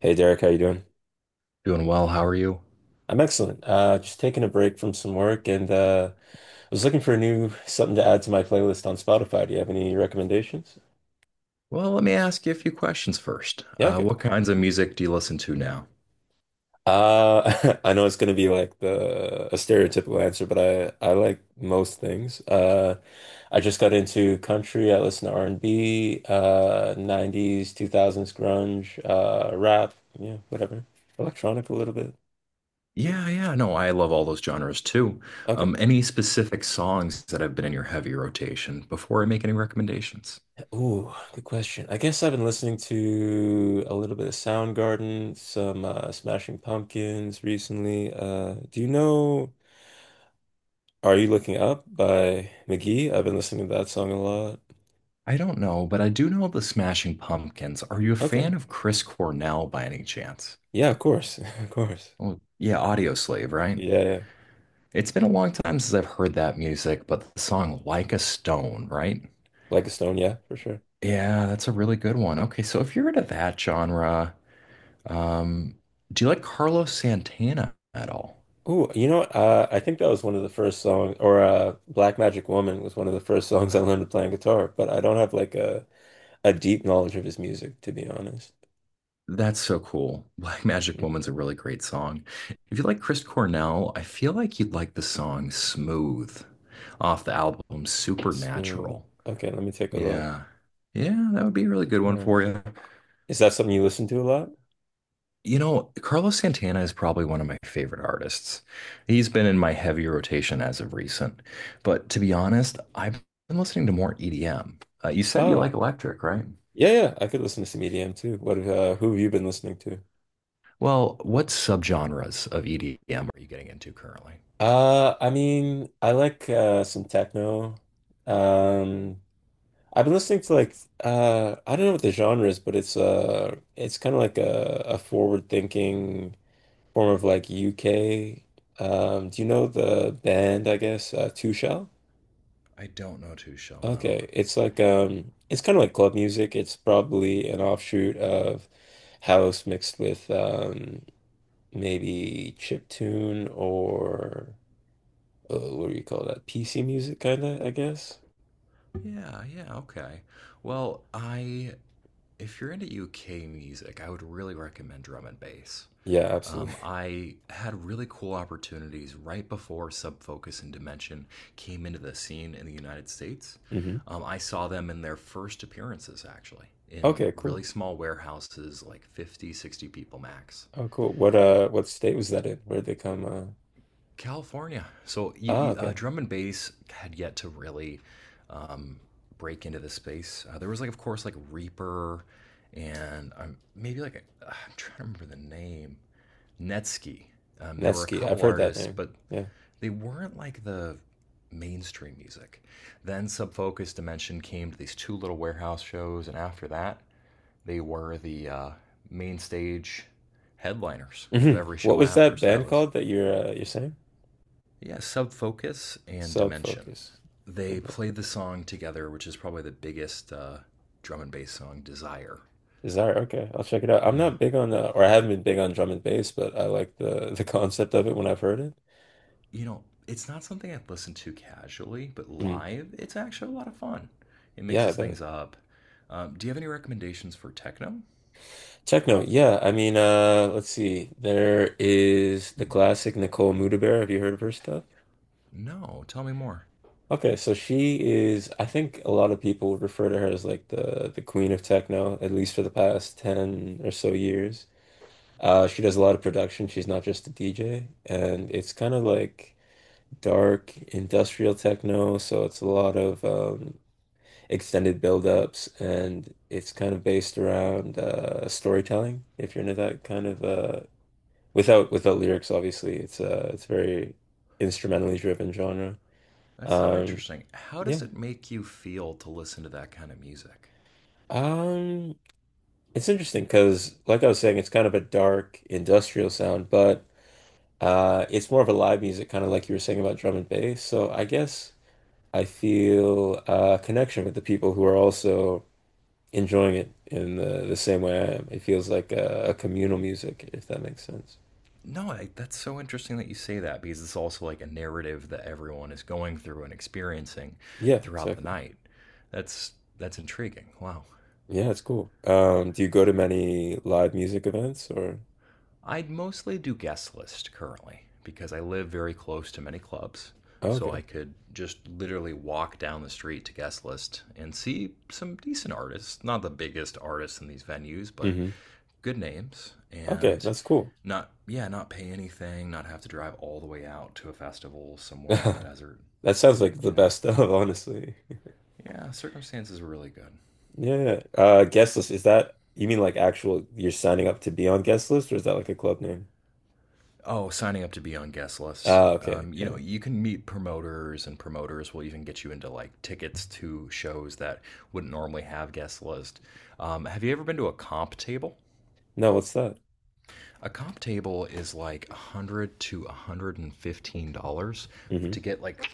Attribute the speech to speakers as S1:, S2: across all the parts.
S1: Hey Derek, how you doing?
S2: Doing well. How are you?
S1: I'm excellent. Just taking a break from some work and I was looking for a new something to add to my playlist on Spotify. Do you have any recommendations?
S2: Well, let me ask you a few questions first.
S1: Yeah, okay.
S2: What kinds of music do you listen to now?
S1: I know it's gonna be like the a stereotypical answer, but I like most things. I just got into country. I listen to R&B, 90s, 2000s grunge, rap, yeah, whatever. Electronic a little bit.
S2: Yeah, yeah, no, I love all those genres too.
S1: Okay.
S2: Any specific songs that have been in your heavy rotation before I make any recommendations?
S1: Ooh, good question. I guess I've been listening to a little bit of Soundgarden, some Smashing Pumpkins recently. Do you know Are You Looking Up by McGee? I've been listening to that song a lot.
S2: I don't know, but I do know the Smashing Pumpkins. Are you a
S1: Okay.
S2: fan of Chris Cornell by any chance?
S1: Yeah, of course. Of course.
S2: Oh, yeah, Audio Slave, right?
S1: Yeah, yeah.
S2: It's been a long time since I've heard that music, but the song Like a Stone, right?
S1: Like a Stone, yeah, for sure.
S2: Yeah, that's a really good one. Okay, so if you're into that genre, Um, do you like Carlos Santana at all?
S1: Ooh, you know what? I think that was one of the first songs, or Black Magic Woman was one of the first songs I learned to play on guitar, but I don't have like a deep knowledge of his music, to be honest.
S2: That's so cool. Black Magic
S1: Mm.
S2: Woman's a really great song. If you like Chris Cornell, I feel like you'd like the song Smooth off the album
S1: Smooth.
S2: Supernatural.
S1: Okay, let me take a look.
S2: Yeah. Yeah, that would be a really good
S1: All
S2: one
S1: right.
S2: for you.
S1: Is that something you listen to a lot?
S2: You know, Carlos Santana is probably one of my favorite artists. He's been in my heavy rotation as of recent. But to be honest, I've been listening to more EDM. You said you
S1: Oh,
S2: like electric, right?
S1: yeah, yeah. I could listen to some EDM too. What who have you been listening to?
S2: Well, what subgenres of EDM are you getting into currently?
S1: I mean, I like some techno. Um, I've been listening to like I don't know what the genre is, but it's kind of like a forward-thinking form of like UK. Do you know the band, I guess, Two Shell?
S2: I don't know too shall know.
S1: Okay, it's like it's kind of like club music. It's probably an offshoot of house mixed with maybe chip tune or what do you call that? PC music, kind of, I guess.
S2: Yeah, yeah, okay. Well, I if you're into UK music, I would really recommend drum and bass.
S1: Yeah, absolutely.
S2: I had really cool opportunities right before Sub Focus and Dimension came into the scene in the United States.
S1: Hmm.
S2: I saw them in their first appearances, actually, in
S1: Okay,
S2: really
S1: cool.
S2: small warehouses, like 50, 60 people max.
S1: Oh, cool. What state was that in? Where did they come?
S2: California. So
S1: Ah, okay,
S2: drum and bass had yet to really break into this space. There was, like, of course, like Reaper, and maybe like I'm trying to remember the name Netsky. There were a
S1: Nevsky. I've
S2: couple
S1: heard that
S2: artists,
S1: name.
S2: but
S1: Yeah.
S2: they weren't like the mainstream music. Then Sub Focus Dimension came to these two little warehouse shows, and after that, they were the main stage headliners of
S1: Hmm.
S2: every
S1: What
S2: show
S1: was
S2: after.
S1: that
S2: So that
S1: band
S2: was.
S1: called that you're saying?
S2: Yeah, Sub Focus and
S1: Sub
S2: Dimension.
S1: Focus.
S2: They played the song together, which is probably the biggest drum and bass song, Desire.
S1: Desire, okay. I'll check it out.
S2: Yeah.
S1: I haven't been big on drum and bass, but I like the the concept of it when I've heard it.
S2: You know, it's not something I've listened to casually, but
S1: Mm.
S2: live, it's actually a lot of fun. It
S1: Yeah, I
S2: mixes
S1: bet.
S2: things up. Do you have any recommendations for techno?
S1: Techno, yeah. I mean, let's see. There is the classic Nicole Mudaber. Have you heard of her stuff?
S2: No, tell me more.
S1: Okay, so she is, I think, a lot of people would refer to her as like the queen of techno, at least for the past 10 or so years. She does a lot of production. She's not just a DJ, and it's kind of like dark industrial techno, so it's a lot of extended build-ups, and it's kind of based around storytelling. If you're into that kind of without lyrics, obviously, it's very instrumentally driven genre.
S2: That's so
S1: Um,
S2: interesting. How
S1: yeah.
S2: does it make you feel to listen to that kind of music?
S1: um, it's interesting because, like I was saying, it's kind of a dark industrial sound, but it's more of a live music, kind of like you were saying about drum and bass. So I guess I feel a connection with the people who are also enjoying it in the same way I am. It feels like a communal music, if that makes sense.
S2: No, that's so interesting that you say that because it's also like a narrative that everyone is going through and experiencing
S1: Yeah,
S2: throughout the
S1: exactly.
S2: night. That's intriguing. Wow.
S1: Yeah, it's cool. Do you go to many live music events or?
S2: I would mostly do guest list currently because I live very close to many clubs,
S1: Oh,
S2: so
S1: okay.
S2: I could just literally walk down the street to guest list and see some decent artists, not the biggest artists in these venues, but
S1: Hmm.
S2: good names,
S1: Okay,
S2: and
S1: that's cool.
S2: not, yeah, not pay anything, not have to drive all the way out to a festival somewhere in the desert.
S1: That sounds like the
S2: Yeah,
S1: best stuff, honestly.
S2: yeah, circumstances were really good.
S1: Yeah. Yeah. Guest list, is that, you mean like actual you're signing up to be on guest list, or is that like a club name?
S2: Oh, signing up to be on guest lists.
S1: Ah, okay. Yeah.
S2: You can meet promoters, and promoters will even get you into like tickets to shows that wouldn't normally have guest lists. Have you ever been to a comp table?
S1: No, what's that?
S2: A comp table is like 100 to $115
S1: Mm-hmm.
S2: to get like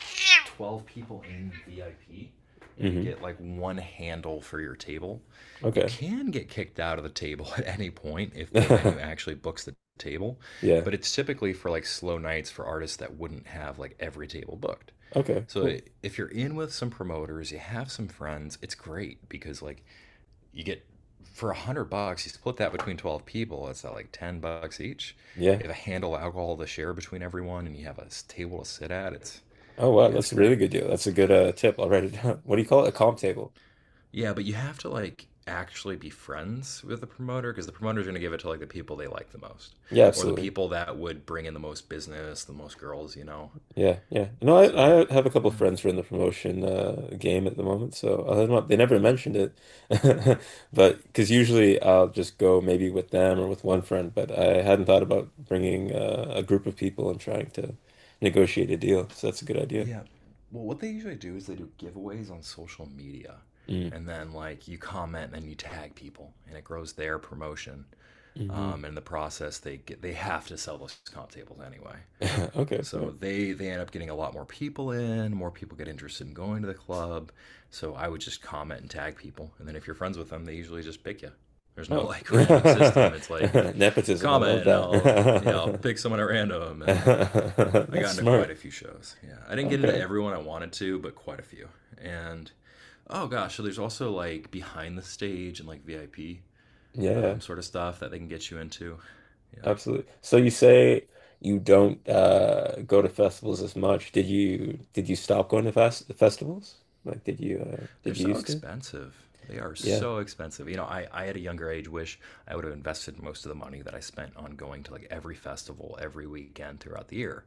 S2: 12 people in VIP and to
S1: Mm-hmm.
S2: get like one handle for your table. You
S1: Okay.
S2: can get kicked out of the table at any point if the venue actually books the table,
S1: Yeah.
S2: but it's typically for like slow nights for artists that wouldn't have like every table booked.
S1: Okay,
S2: So
S1: cool.
S2: if you're in with some promoters, you have some friends, it's great because like you get for 100 bucks, you split that between 12 people. It's at like 10 bucks each.
S1: Yeah.
S2: You have a handle of alcohol to share between everyone, and you have a table to sit at. It's
S1: Oh, wow,
S2: yeah, it's
S1: that's a really
S2: great.
S1: good deal. That's a good tip. I'll write it down. What do you call it? A comp table.
S2: Yeah, but you have to like actually be friends with the promoter because the promoter's going to give it to like the people they like the most,
S1: Yeah,
S2: or the
S1: absolutely.
S2: people that would bring in the most business, the most girls.
S1: Yeah, yeah. You know,
S2: So
S1: I have a couple of
S2: yeah.
S1: friends who are in the promotion game at the moment, so I'll hit them up. They never mentioned it, but because usually I'll just go maybe with them or with one friend, but I hadn't thought about bringing a group of people and trying to negotiate a deal. So that's a good idea.
S2: Yeah. Well, what they usually do is they do giveaways on social media.
S1: Mm.
S2: And then, like, you comment and you tag people, and it grows their promotion.
S1: Hmm.
S2: And in the process, they have to sell those comp tables anyway.
S1: Okay,
S2: So
S1: fair.
S2: they end up getting a lot more people in. More people get interested in going to the club. So I would just comment and tag people, and then if you're friends with them, they usually just pick you. There's no
S1: Oh,
S2: like random system. It's like
S1: nepotism. I love
S2: comment, and I'll yeah I'll
S1: that.
S2: pick someone at random. And I
S1: That's
S2: got into quite a
S1: smart.
S2: few shows. Yeah, I didn't get into
S1: Okay.
S2: everyone I wanted to, but quite a few. And oh gosh, so there's also like behind the stage and like VIP
S1: Yeah,
S2: sort of stuff that they can get you into. Yeah.
S1: absolutely. So you say you don't go to festivals as much. Did you stop going to festivals? Like did you uh
S2: They're
S1: did you
S2: so
S1: used to?
S2: expensive. They are
S1: Yeah.
S2: so expensive. You know, I at a younger age wish I would have invested most of the money that I spent on going to like every festival every weekend throughout the year.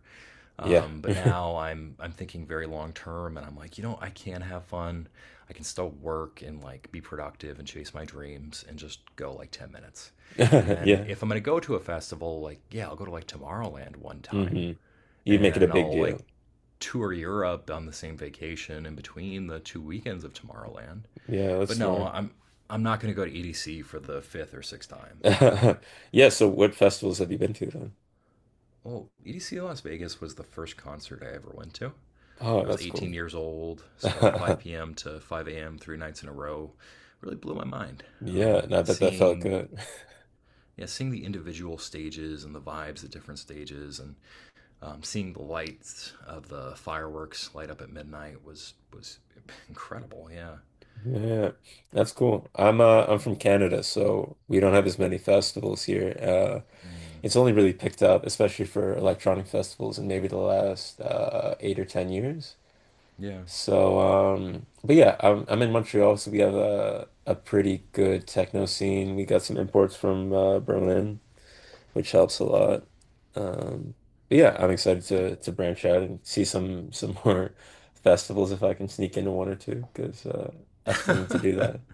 S1: Yeah.
S2: But now I'm thinking very long term, and I'm like, you know, I can have fun. I can still work and like be productive and chase my dreams and just go like 10 minutes. And then
S1: Yeah.
S2: if I'm going to go to a festival, like, yeah, I'll go to like Tomorrowland one time
S1: Hmm. You make it a
S2: and
S1: big
S2: I'll like
S1: deal.
S2: tour Europe on the same vacation in between the 2 weekends of Tomorrowland.
S1: Yeah, that's
S2: But no,
S1: smart.
S2: I'm not going to go to EDC for the fifth or sixth time.
S1: Yeah, so what festivals have you been to then?
S2: Oh, EDC Las Vegas was the first concert I ever went to.
S1: Oh,
S2: I was
S1: that's cool.
S2: 18 years old, so 5 p.m. to 5 a.m. 3 nights in a row really blew my mind.
S1: Yeah, and I bet that felt
S2: Seeing
S1: good.
S2: yeah, seeing the individual stages and the vibes at different stages, and seeing the lights of the fireworks light up at midnight was incredible. Yeah,
S1: Yeah, that's cool. I'm from Canada, so we don't have as many festivals here. It's only really picked up, especially for electronic festivals in maybe the last 8 or 10 years.
S2: yeah.
S1: So, but yeah, I'm in Montreal, so we have a pretty good techno scene. We got some imports from Berlin, which helps a lot. Um, but yeah, I'm excited to branch out and see some more festivals if I can sneak into one or two, because I still need to do that.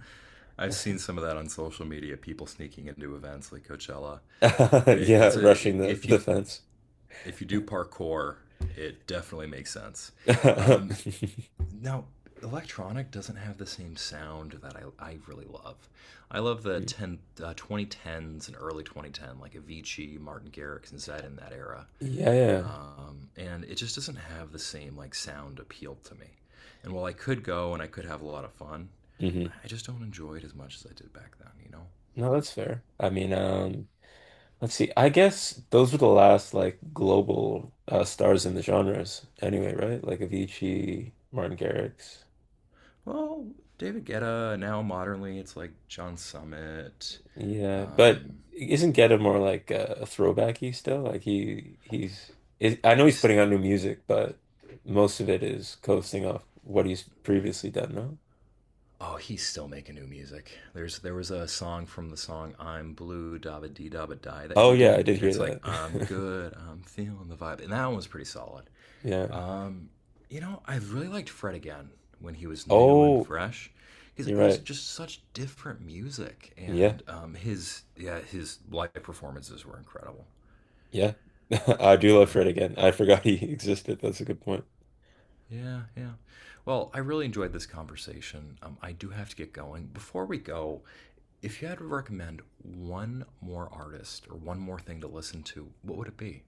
S2: I've seen some of that on social media. People sneaking into events like Coachella.
S1: Yeah,
S2: It's
S1: rushing
S2: a
S1: the the fence.
S2: if you do parkour, it definitely makes sense. Um, Now, electronic doesn't have the same sound that I really love. I love the 2010s and early 2010, like Avicii, Martin Garrix, and Zed in that era.
S1: Yeah, yeah.
S2: And it just doesn't have the same like sound appeal to me. And while I could go and I could have a lot of fun,
S1: Mhm.
S2: I just don't enjoy it as much as I did back then. You know.
S1: No, that's fair. I mean, let's see. I guess those were the last like global stars in the genres anyway, right? Like Avicii, Martin Garrix.
S2: Well, David Guetta now modernly, it's like John Summit.
S1: Yeah, but
S2: Um,
S1: isn't Geta more like a throwbacky still? Like he he's is, I know he's
S2: he's
S1: putting out new music, but most of it is coasting off what he's previously done, no?
S2: oh, he's still making new music. There was a song from the song "I'm Blue" "Dabba Dee Dabba Die" that
S1: Oh,
S2: he
S1: yeah, I
S2: did,
S1: did
S2: and
S1: hear
S2: it's like "I'm
S1: that.
S2: good, I'm feeling the vibe," and that one was pretty solid.
S1: Yeah.
S2: Um, I really liked Fred again when he was new and
S1: Oh,
S2: fresh because
S1: you're
S2: it was
S1: right.
S2: just such different music
S1: Yeah.
S2: and his yeah his live performances were incredible.
S1: Yeah. I do love
S2: Yeah.
S1: Fred again. I forgot he existed. That's a good point.
S2: Yeah, yeah. Well, I really enjoyed this conversation. I do have to get going. Before we go, if you had to recommend one more artist or one more thing to listen to, what would it be?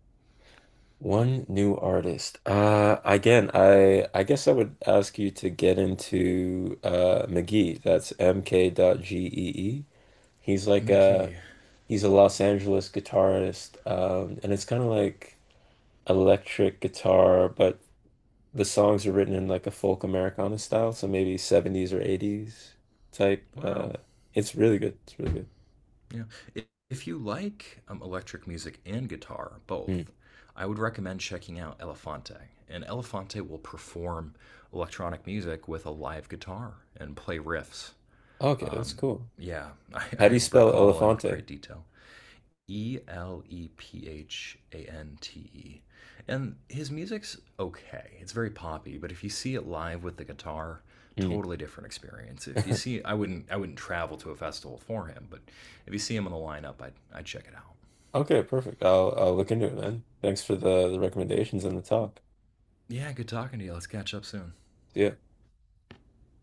S1: One new artist. Again, I guess I would ask you to get into McGee. That's Mk.gee. He's like a
S2: McKee.
S1: he's a Los Angeles guitarist, and it's kind of like electric guitar, but the songs are written in like a folk Americana style, so maybe 70s or 80s type.
S2: Wow.
S1: It's really good. It's really good.
S2: Yeah. If you like electric music and guitar, both,
S1: Hmm.
S2: I would recommend checking out Elefante. And Elefante will perform electronic music with a live guitar and play riffs.
S1: Okay, that's cool.
S2: Yeah, I,
S1: How do
S2: I
S1: you spell
S2: recall in
S1: Elefante?
S2: great detail. Elephante. And his music's okay. It's very poppy, but if you see it live with the guitar,
S1: Hmm.
S2: totally different experience. If you see I wouldn't travel to a festival for him, but if you see him on the lineup, I'd check it out.
S1: Okay, perfect. I'll look into it then. Thanks for the recommendations and the talk.
S2: Yeah, good talking to you. Let's catch up soon.
S1: See ya.